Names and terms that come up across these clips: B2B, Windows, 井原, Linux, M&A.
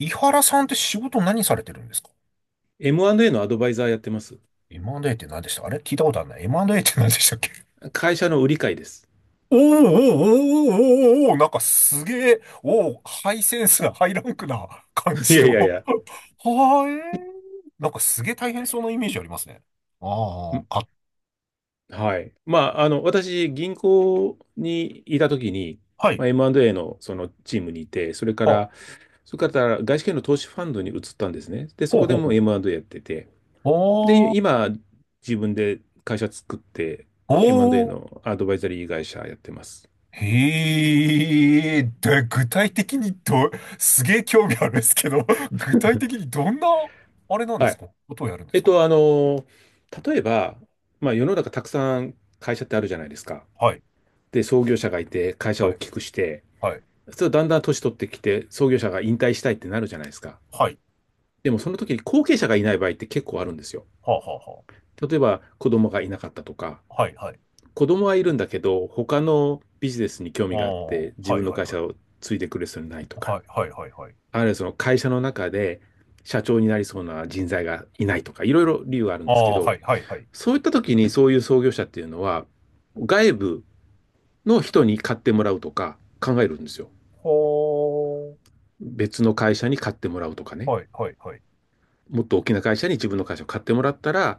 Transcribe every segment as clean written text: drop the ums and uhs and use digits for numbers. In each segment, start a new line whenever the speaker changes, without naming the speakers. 井原さんって仕事何されてるんですか？
M&A のアドバイザーやってます。
M&A って何でしたあれ聞いたことあるな。M&A って何でしたっけ？
会社の売り買いです。
おーおーおーおーおーおー、なんかすげえ、おー、ハイセンスな、ハイランクな感
い
じ
やい
の。
やい
は
や。
ーえー。なんかすげえ大変そうなイメージありますね。ああ、
ん
か、
はい。まあ、あの、私、銀行にいたときに、
はい。
まあ、M&A のそのチームにいて、それか
あ、ほ
ら、それから外資系の投資ファンドに移ったんですね。で、そ
う
こで
ほうほ
も
う。
M&A やってて、で、
お
今、自分で会社作って、M&A
おー。
のアドバイザリー会社やってます。
へえ、で、具体的にど、すげえ興味あるんですけど、具体的にどんな、あれなんで
は
す
い。
か、ことをやるんですか？
あの、例えば、まあ、世の中たくさん会社ってあるじゃないですか。
はい、
で、創業者がいて、会社を
は
大
い、
きくして、
はい、
そうだんだん年取ってきて、創業者が引退したいってなるじゃないですか。
はい、
でもその時に後継者がいない場合って結構あるんですよ。
はあ、はあ、は
例えば子供がいなかったとか、
あ、はい、はい、
子供はいるんだけど、他のビジネスに興
あ
味があっ
あ、
て自
はい、
分の
はい、
会
は
社
い、
を継いでくれそうにないとか、
はい、はい、はい、はい、
あるいはその会社の中で社長になりそうな人材がいないとか、いろいろ理由があるん
あ
ですけ
あ、
ど、
はい、はい、はい、
そういった時にそういう創業者っていうのは、外部の人に買ってもらうとか考えるんですよ。
ほー、
別の会社に買ってもらうとかね。
はい、はい、はい、
もっと大きな会社に自分の会社を買ってもらったら、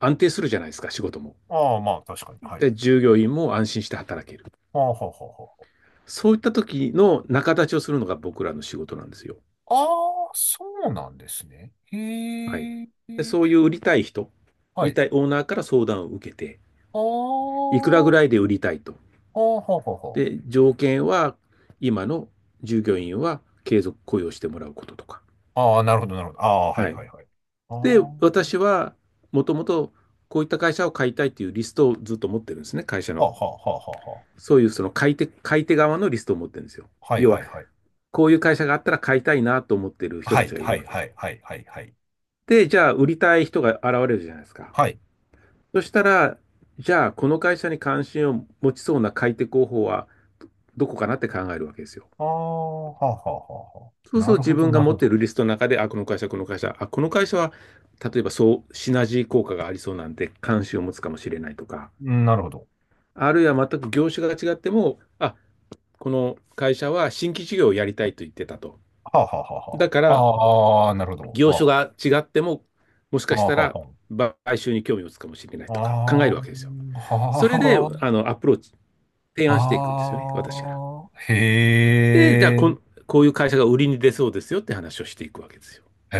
安定するじゃないですか、仕事も。
あまあ、確かに、はい、
で、従業員も安心して働ける。
はあ、ははは
そういった時の仲立ちをするのが僕らの仕事なんですよ。
あ、そうなんですね。
はい。
へ
で、そういう売りたい人、売
は
り
い、
たいオーナーから相談を受けて、
あ
いくらぐ
は
らいで売りたいと。
ははは
で、条件は、今の従業員は継続雇用してもらうこととか。
あ、なるほど、なるほど、あはい、
はい。
はい、はい、あ
で、
は
私は、もともとこういった会社を買いたいというリストをずっと持ってるんですね、会社
あ、
の。
ははは
そういうその買い手、買い手側のリストを持ってるんですよ。
はは
要は、
い、
こういう会社があったら買いたいなと思ってる人
は
たち
い、
がいる
は
わ
い、
け。
はい、はい、はい、はい、
で、じゃあ、売りたい人が現れるじゃないですか。
はい、
そしたら、じゃあ、この会社に関心を持ちそうな買い手候補はどこかなって考えるわけですよ。
ああ、はあはあはあはあ。
そうす
な
ると
る
自
ほど、
分が
なる
持
ほ
ってい
ど。
るリストの中で、あ、この会社、この会社、あ、この会社は、例えばそう、シナジー効果がありそうなんで、関心を持つかもしれないとか、
うんなるほど。
あるいは全く業種が違っても、あ、この会社は新規事業をやりたいと言ってたと。
はあはあはあは
だか
あ。
ら、
ああ、なるほど。
業
あ
種が違っても、もし
あ、
か
は
し
あ
た
はあ
ら
は
買収に興味を持つかもしれない
あ。
とか考えるわけですよ。
ああ、は
そ
あ、
れで、
は
あ
あ。
の、アプローチ、提案していくんですよね、私が。
ああ
で、じゃあ
へえ、
こん、こういう会社が売りに出そうですよって話をしていくわけですよ。
へ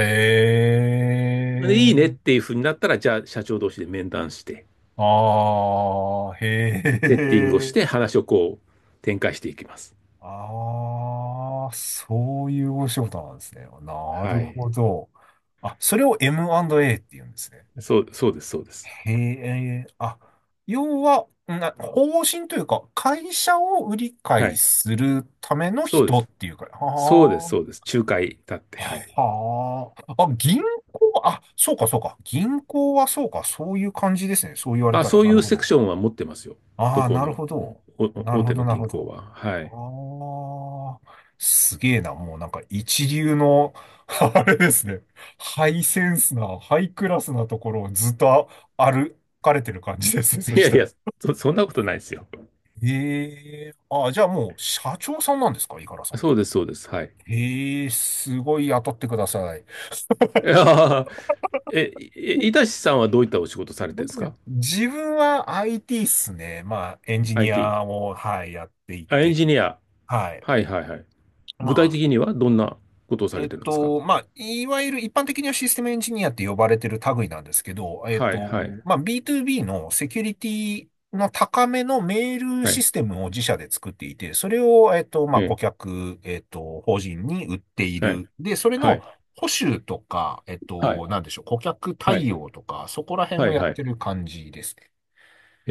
で、いいねっ
え、
ていうふうになったら、じゃあ、社長同士で面談して、
ああ、へ
セッティングをし
え。
て、話をこう、展開していきます。
ああ、そういうお仕事なんですね。なる
はい。
ほど。あ、それを M&A って言うんですね。
そうです、そうです。
へえ、あ、要は、な、方針というか、会社を売り
は
買い
い。
するための
そうで
人っ
す。
ていうか、
そうです、そ
は
うです。仲介だって、
あ、
はい。
はあ、あ、銀行、あ、そうか、そうか、銀行はそうか、そういう感じですね。そう言われ
あ、
たら、
そう
な
い
る
う
ほ
セク
ど。
ションは持ってますよ。ど
ああ、
こ
なる
の、
ほ
うん
ど。
お
なる
大
ほ
手
ど、
の
なる
銀
ほ
行
ど。
は。はい。
ああ、すげえな。もうなんか一流の、あれですね。ハイセンスな、ハイクラスなところをずっと歩かれてる感じですね。そ
い
し
やい
たら。
や、そんなことないですよ。
ええ、ああ、じゃあもう社長さんなんですか、井原さんっ
そ
て。
うです、そうです。はい。
ええ、すごい雇ってください。
いやーえ、いいたしさんはどういったお仕事されてるんです か？
自分は IT っすね。まあ、エンジニ
IT。
アを、はい、やってい
あ、エン
て、
ジニア。
はい。
はい、はい、はい。
ま
具体的にはどんなことをされてるんですか？
まあ、いわゆる一般的にはシステムエンジニアって呼ばれてる類なんですけど、
はい、はい、
まあ、B2B のセキュリティの高めのメール
は
シ
い、
ステムを自社で作っていて、それを、ま
え
あ、顧
え、
客、法人に売ってい
はい、
る。で、それ
はい、
の保守とか、
はい、
なんでしょう、顧客
は
対
い、
応とか、そこら辺
は
を
い、
やっ
は
て
い。
る感じですね。
え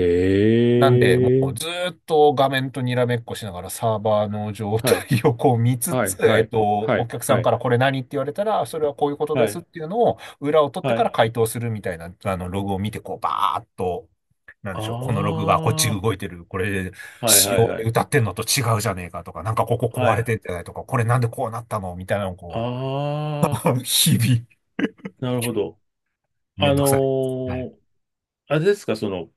なんで、
え、
ずーっと画面とにらめっこしながらサーバーの状
はい、
態をこう見つ
は
つ、
い、はい、は
お
い、
客さん
は
か
い、
らこれ何って言われたら、それはこういうこと
は
で
い、は
すっ
い。
ていうのを裏を取って
は
か
い。
ら回答するみたいな、あの、ログを見て、こう、バーっと、なんでしょう、このログがこっち
ああ、
動いてる、これ、
はい
仕
はい
様
は
で
い。
歌ってんのと違うじゃねえかとか、なんかここ
は
壊れ
い。
てんじゃないとか、これなんでこうなったのみたいなのをこ
ああ、
う、日々、
なるほど。
め
あ
んど
の
くさい。はい
ーあれですか、その、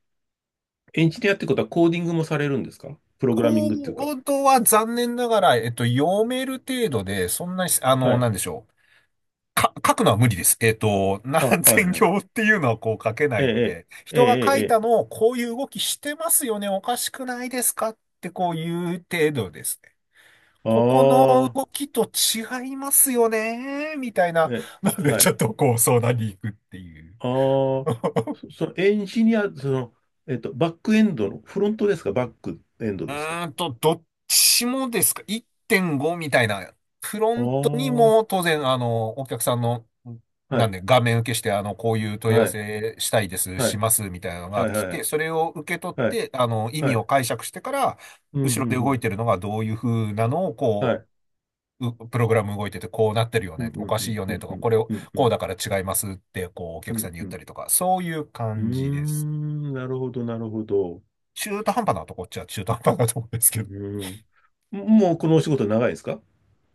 エンジニアってことはコーディングもされるんですか？プログラミン
コ
グっていうか。
ードは残念ながら、読める程度で、そんなに、あ
は
の、
い。
なんでしょう。か、書くのは無理です。何
あ、はい、
千
はい。
行っていうのはこう書けな
え
いの
え、
で、
ええ、え
人が書
え、
い
え
た
え。
のをこういう動きしてますよね、おかしくないですかってこういう程度ですね。
あ
ここの
あ、
動きと違いますよね、みたいな
え、
ので、
は
ちょ
い。
っとこう相談に行くっていう。
ああ、そのエンジニア、その、バックエンドの、フロントですか？バックエンド
う
ですか？
ーんと、どっちもですか？ 1.5 みたいな。フロ
あ
ントに
あ、
も
は
当然、あの、お客さんの、なん
い、
で、画面受けして、あの、こういう問い合わ
はい、
せしたいです、
は
し
い、
ます、みたいなのが
はい、
来
は
て、
い、
それを受け取っ
はい、はい。
て、あの、意
は
味を
い
解釈してから、
うん、う
後
ん、
ろ
う
で動い
ん。
てるのがどういう風なのを、
は
こ
い。
う、うプログラム動いてて、こうなってるよ
うん、う
ね、お
ん、
か
う
しい
ん、
よ
う
ね、
ん、
と
う
か、
ん、
これを、
うん、う
こう
ん、
だから違いますって、こう、お
う
客さ
ん。
んに言
う
った
ん
りとか、そういう
うー
感じです。
ん、なるほど、なるほど。
中途半端なとこっちゃ中途半端なとこですけど、
うん。もうこのお仕事長いですか？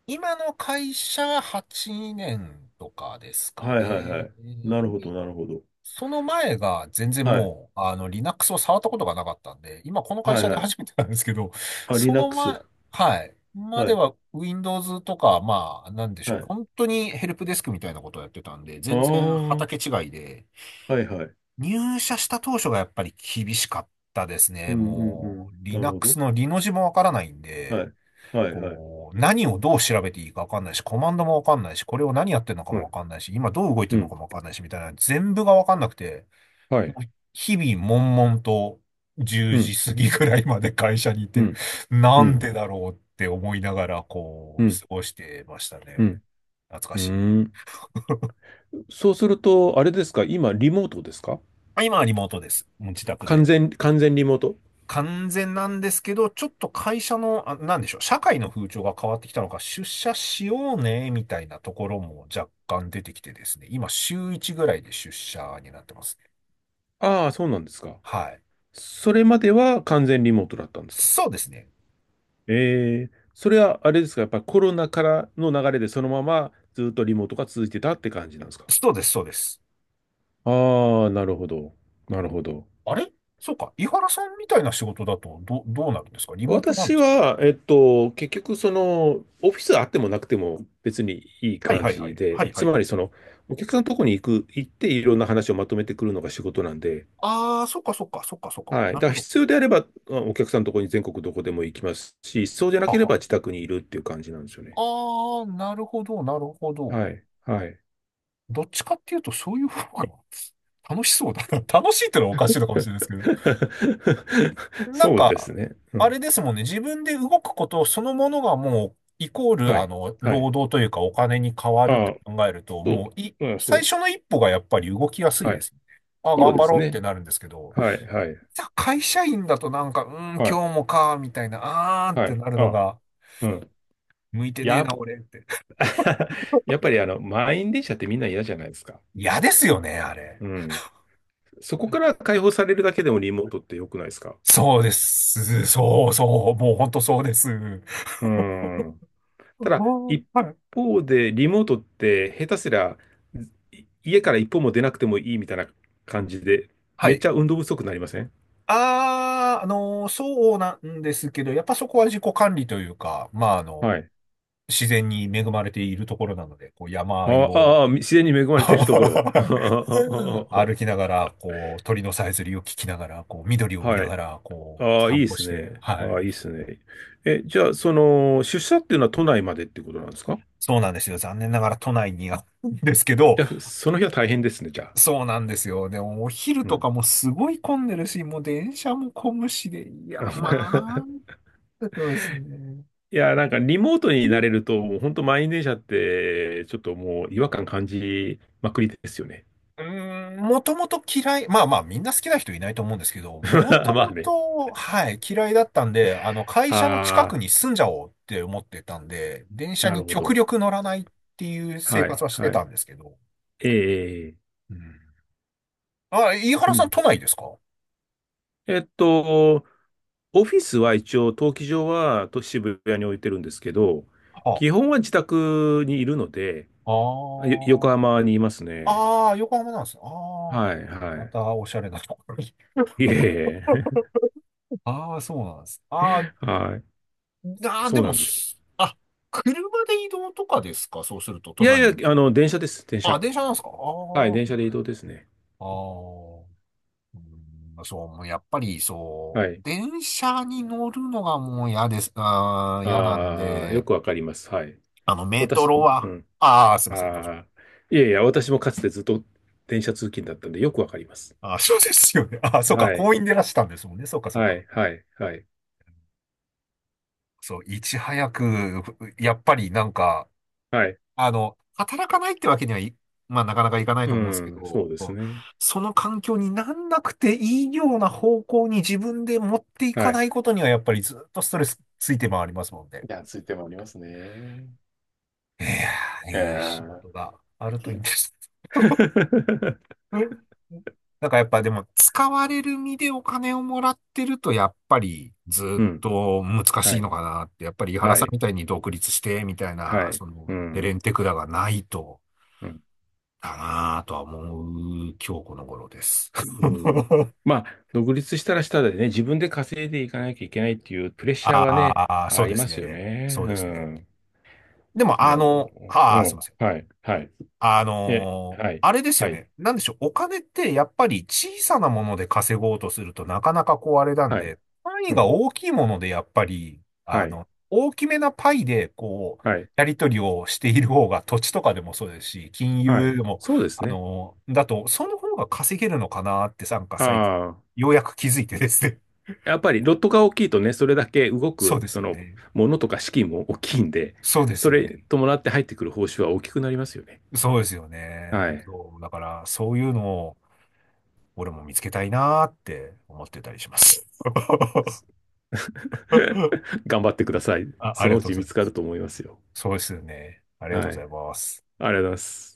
今の会社が8年とかですか
はいはいは
ね。
い。なるほど、
で
なるほど。
その前が全然
はい。
もう、あの、Linux を触ったことがなかったんで、今この会
はい
社で
はい。
初めてなんですけど、
あ、
その
Linux。
前、はい。ま
は
で
い。
は Windows とか、まあ、なんでし
は
ょう。
い。
本当にヘルプデスクみたいなことをやってたんで、
ああ、
全然畑
は
違いで、
いはい。
入社した当初がやっぱり厳しかったです
う
ね。
んうんう
もう、
ん。なるほ
Linux
ど。
のリの字もわからないん
は
で、
い。はいはい。
こう、何をどう調べていいかわかんないし、コマンドもわかんないし、これを何やってるのか
は
もわ
い。
かんないし、今どう動いて
う
るの
ん。
かもわかんないし、みたいな、全部がわかんなくて、
は
も
い。
う日々悶々と10
う
時
ん。
過ぎぐらいまで会社にい
う
て、
ん。
な
う
ん
ん。
でだろうって思いながら、
う
こう、
ん。
過ごしてました
う
ね。
ん。
懐
う
かしい。
ーんそうすると、あれですか？今、リモートですか？
まあ今はリモートです。もう自宅
完
で。
全、完全リモート？
完全なんですけど、ちょっと会社の、あ、なんでしょう、社会の風潮が変わってきたのか、出社しようね、みたいなところも若干出てきてですね、今週1ぐらいで出社になってますね。
ああ、そうなんですか。
はい。
それまでは完全リモートだったんですか？
そうですね。
えーそれはあれですか、やっぱりコロナからの流れでそのままずっとリモートが続いてたって感じなんですか？
そうです、そうです。
ああ、なるほど。なるほど。
あれそうか。井原さんみたいな仕事だと、ど、どうなるんですか、リモートなんで
私
すか？
は、結局、その、オフィスあってもなくても別にいい
はい
感
はいは
じ
い。は
で、
いは
つ
い
ま
はい。
り、その、お客さんのとこに行っていろんな話をまとめてくるのが仕事なんで、
ああ、そっかそっかそっかそっか。
はい。
な
だ
る
か
ほ
ら
ど。
必要であれば、まあお客さんのとこに全国どこでも行きますし、そうじゃな
は
けれ
は。
ば自宅にいるっていう感じなんですよね。
ああ、なるほど、なるほど。
はい。はい。
どっちかっていうと、そういう方が楽しそうだな。楽しいってのはおかしいのかもしれないですけど。なん
そうです
か、
ね。う
あ
ん。
れですもんね。自分で動くことそのものがもう、イコール、
は
あ
い。
の、
はい。
労働というかお金に変わるっ
あ
て
あ、
考えると、
そ
もう、い、
う。うん、そ
最
う。
初の一歩がやっぱり動きやすい
は
で
い。
すね。あ、
そう
頑
で
張
す
ろうって
ね。
なるんですけど、
はい、はい。
じゃあ会社員だとなんか、うん、
はい。
今日もか、みたいな、あーっ
は
て
い。
なるの
あ、
が、
うん。
向いてね
や
え
っ
な、
ぱ、
俺って。
やっぱりあの、満員電車ってみんな嫌じゃないですか。
嫌ですよね、あれ。
うん。そこから解放されるだけでもリモートって良くないですか？
そうです。そうそう。もう本当そうです。
うん。
お
ただ、
ー
一
はい。
方で、リモートって下手すりゃ、家から一歩も出なくてもいいみたいな感じで、
は
めっ
い。
ちゃ運動不足になりません？
ああ、そうなんですけど、やっぱそこは自己管理というか、まあ、あの、
はい。
自然に恵まれているところなので、こう、山あい
あ
を
あ、あ自然に恵まれ ているところ。
歩きながら、こう、鳥のさえずりを聞きながら、こう、緑を見な
はい。
がら、こう、
ああ、いい
散
で
歩
す
して、
ね。
は
あ
い。
あ、いいですね。え、じゃあ、その、出社っていうのは都内までってことなんですか？
そうなんですよ。残念ながら都内にあるんですけど、
じゃあ、その日は大変ですね、じゃあ。
そうなんですよ。でも、お昼
う
と
ん。
かもすごい混んでるし、もう電車も混むしで、いや、まあ、そうですね。
いや、なんかリモートになれると、もう本当満員電車って、ちょっともう違和感感じまくりですよね。
うーん、もともと嫌い、まあまあみんな好きな人いないと思うんですけど、も と
まあ
も
ね。
と、はい、嫌いだったんで、あの会社の近く
あ
に住んじゃおうって思ってたんで、電
あ、
車
なる
に
ほ
極
ど。
力乗らないっていう生
は
活
い、
はして
は
たん
い。
ですけど。
ええ、
うん。あ、飯
う
原さん
ん。
都内ですか？は
えっと、オフィスは一応、登記上は渋谷に置いてるんですけど、
あ、
基本は自宅にいるので、
あ
横
ー
浜にいますね。
あー、横浜なんですね。ああ、
はい、
ま
は
たおしゃれなところに。
い。いえいえ、
ああ、そうなんです。あー
はい。
あー、
そ
で
うな
も、
んです。
すあ、車で移動とかですか、そうすると
い
都
や
内
い
に。
や、あの、電車です、電
あ、
車。
電車なんですかああ
はい、電
ー。
車で移動ですね。
ああ、うんそう、もうやっぱりそ
は
う、
い。
電車に乗るのがもう嫌です、あー、嫌なん
ああ、よ
で、
くわかります。はい。
あの、メト
私、
ロ
う
は、
ん。
ああ、すいません、どうぞ。
ああ、いやいや、私もかつてずっと電車通勤だったんで、よくわかります。
あー そうですよね。あーそうか、
は
公
い、
園でいらしたんですもんね。そうか、そう
は
か。
い、はい、はい、
そう、いち早く、やっぱりなんか、
はい。
あの、働かないってわけにはい、まあ、なかなかいかない
う
と思うんですけ
ん、そ
ど、
うです
こう
ね。
その環境になんなくていいような方向に自分で持っていか
は
な
い。
いことには、やっぱりずっとストレスついて回りますもん
い
ね。
や、ついてもありますね。
いやー、
え
いい仕
ー、
事があるといいんです。 うんなんかやっぱでも、使われる身でお金をもらってると、やっぱりず
う
っ
ん。
と難し
は
いの
い。
かなって、やっぱり井原
は
さん
い。
みたいに独立して、みたい
は
な、
い。
その、
う
エレ
ん。
ンテクラがないと、
うん。
だなぁとは思う今日この頃です。
うん まあ、独立したらしたでね、自分で稼いでいかなきゃいけないっていうプレッシャーはね、
ああ、そ
あ
うで
りま
す
すよ
ね。
ね。
そう
う
ですね。
ん。
でも、
そ
あ
の、
の、あ
う
あ、すい
ん。
ません。
はい。はい。え、はい。
あれですよ
はい。
ね。なんでしょう。お金ってやっぱり小さなもので稼ごうとするとなかなかこうあれなん
はい。
で、単位
う
が
ん。
大きいものでやっぱり、あ
はい。
の、大きめなパイでこう、
はい。
やり取りをしている方が土地とかでもそうですし、金
は
融で
い。
も、
そうですね。
だと、その方が稼げるのかなってなんか最近、
ああ。
ようやく気づいてですね。
やっぱりロットが大きいとね、それだけ動
そう
く、
です
そ
よ
の、
ね。
ものとか資金も大きいんで、
そうです
そ
よ
れ
ね。
伴って入ってくる報酬は大きくなりますよね。
そうですよ
は
ね。
い。
そう。だから、そういうのを、俺も見つけたいなーって思ってたりします。
頑張ってください。
あ、あ
そ
り
の
が
う
とうご
ち
ざい
見
ま
つかる
す。
と思いますよ。
そうですよね。ありがと
は
うござ
い。
います。
ありがとうございます。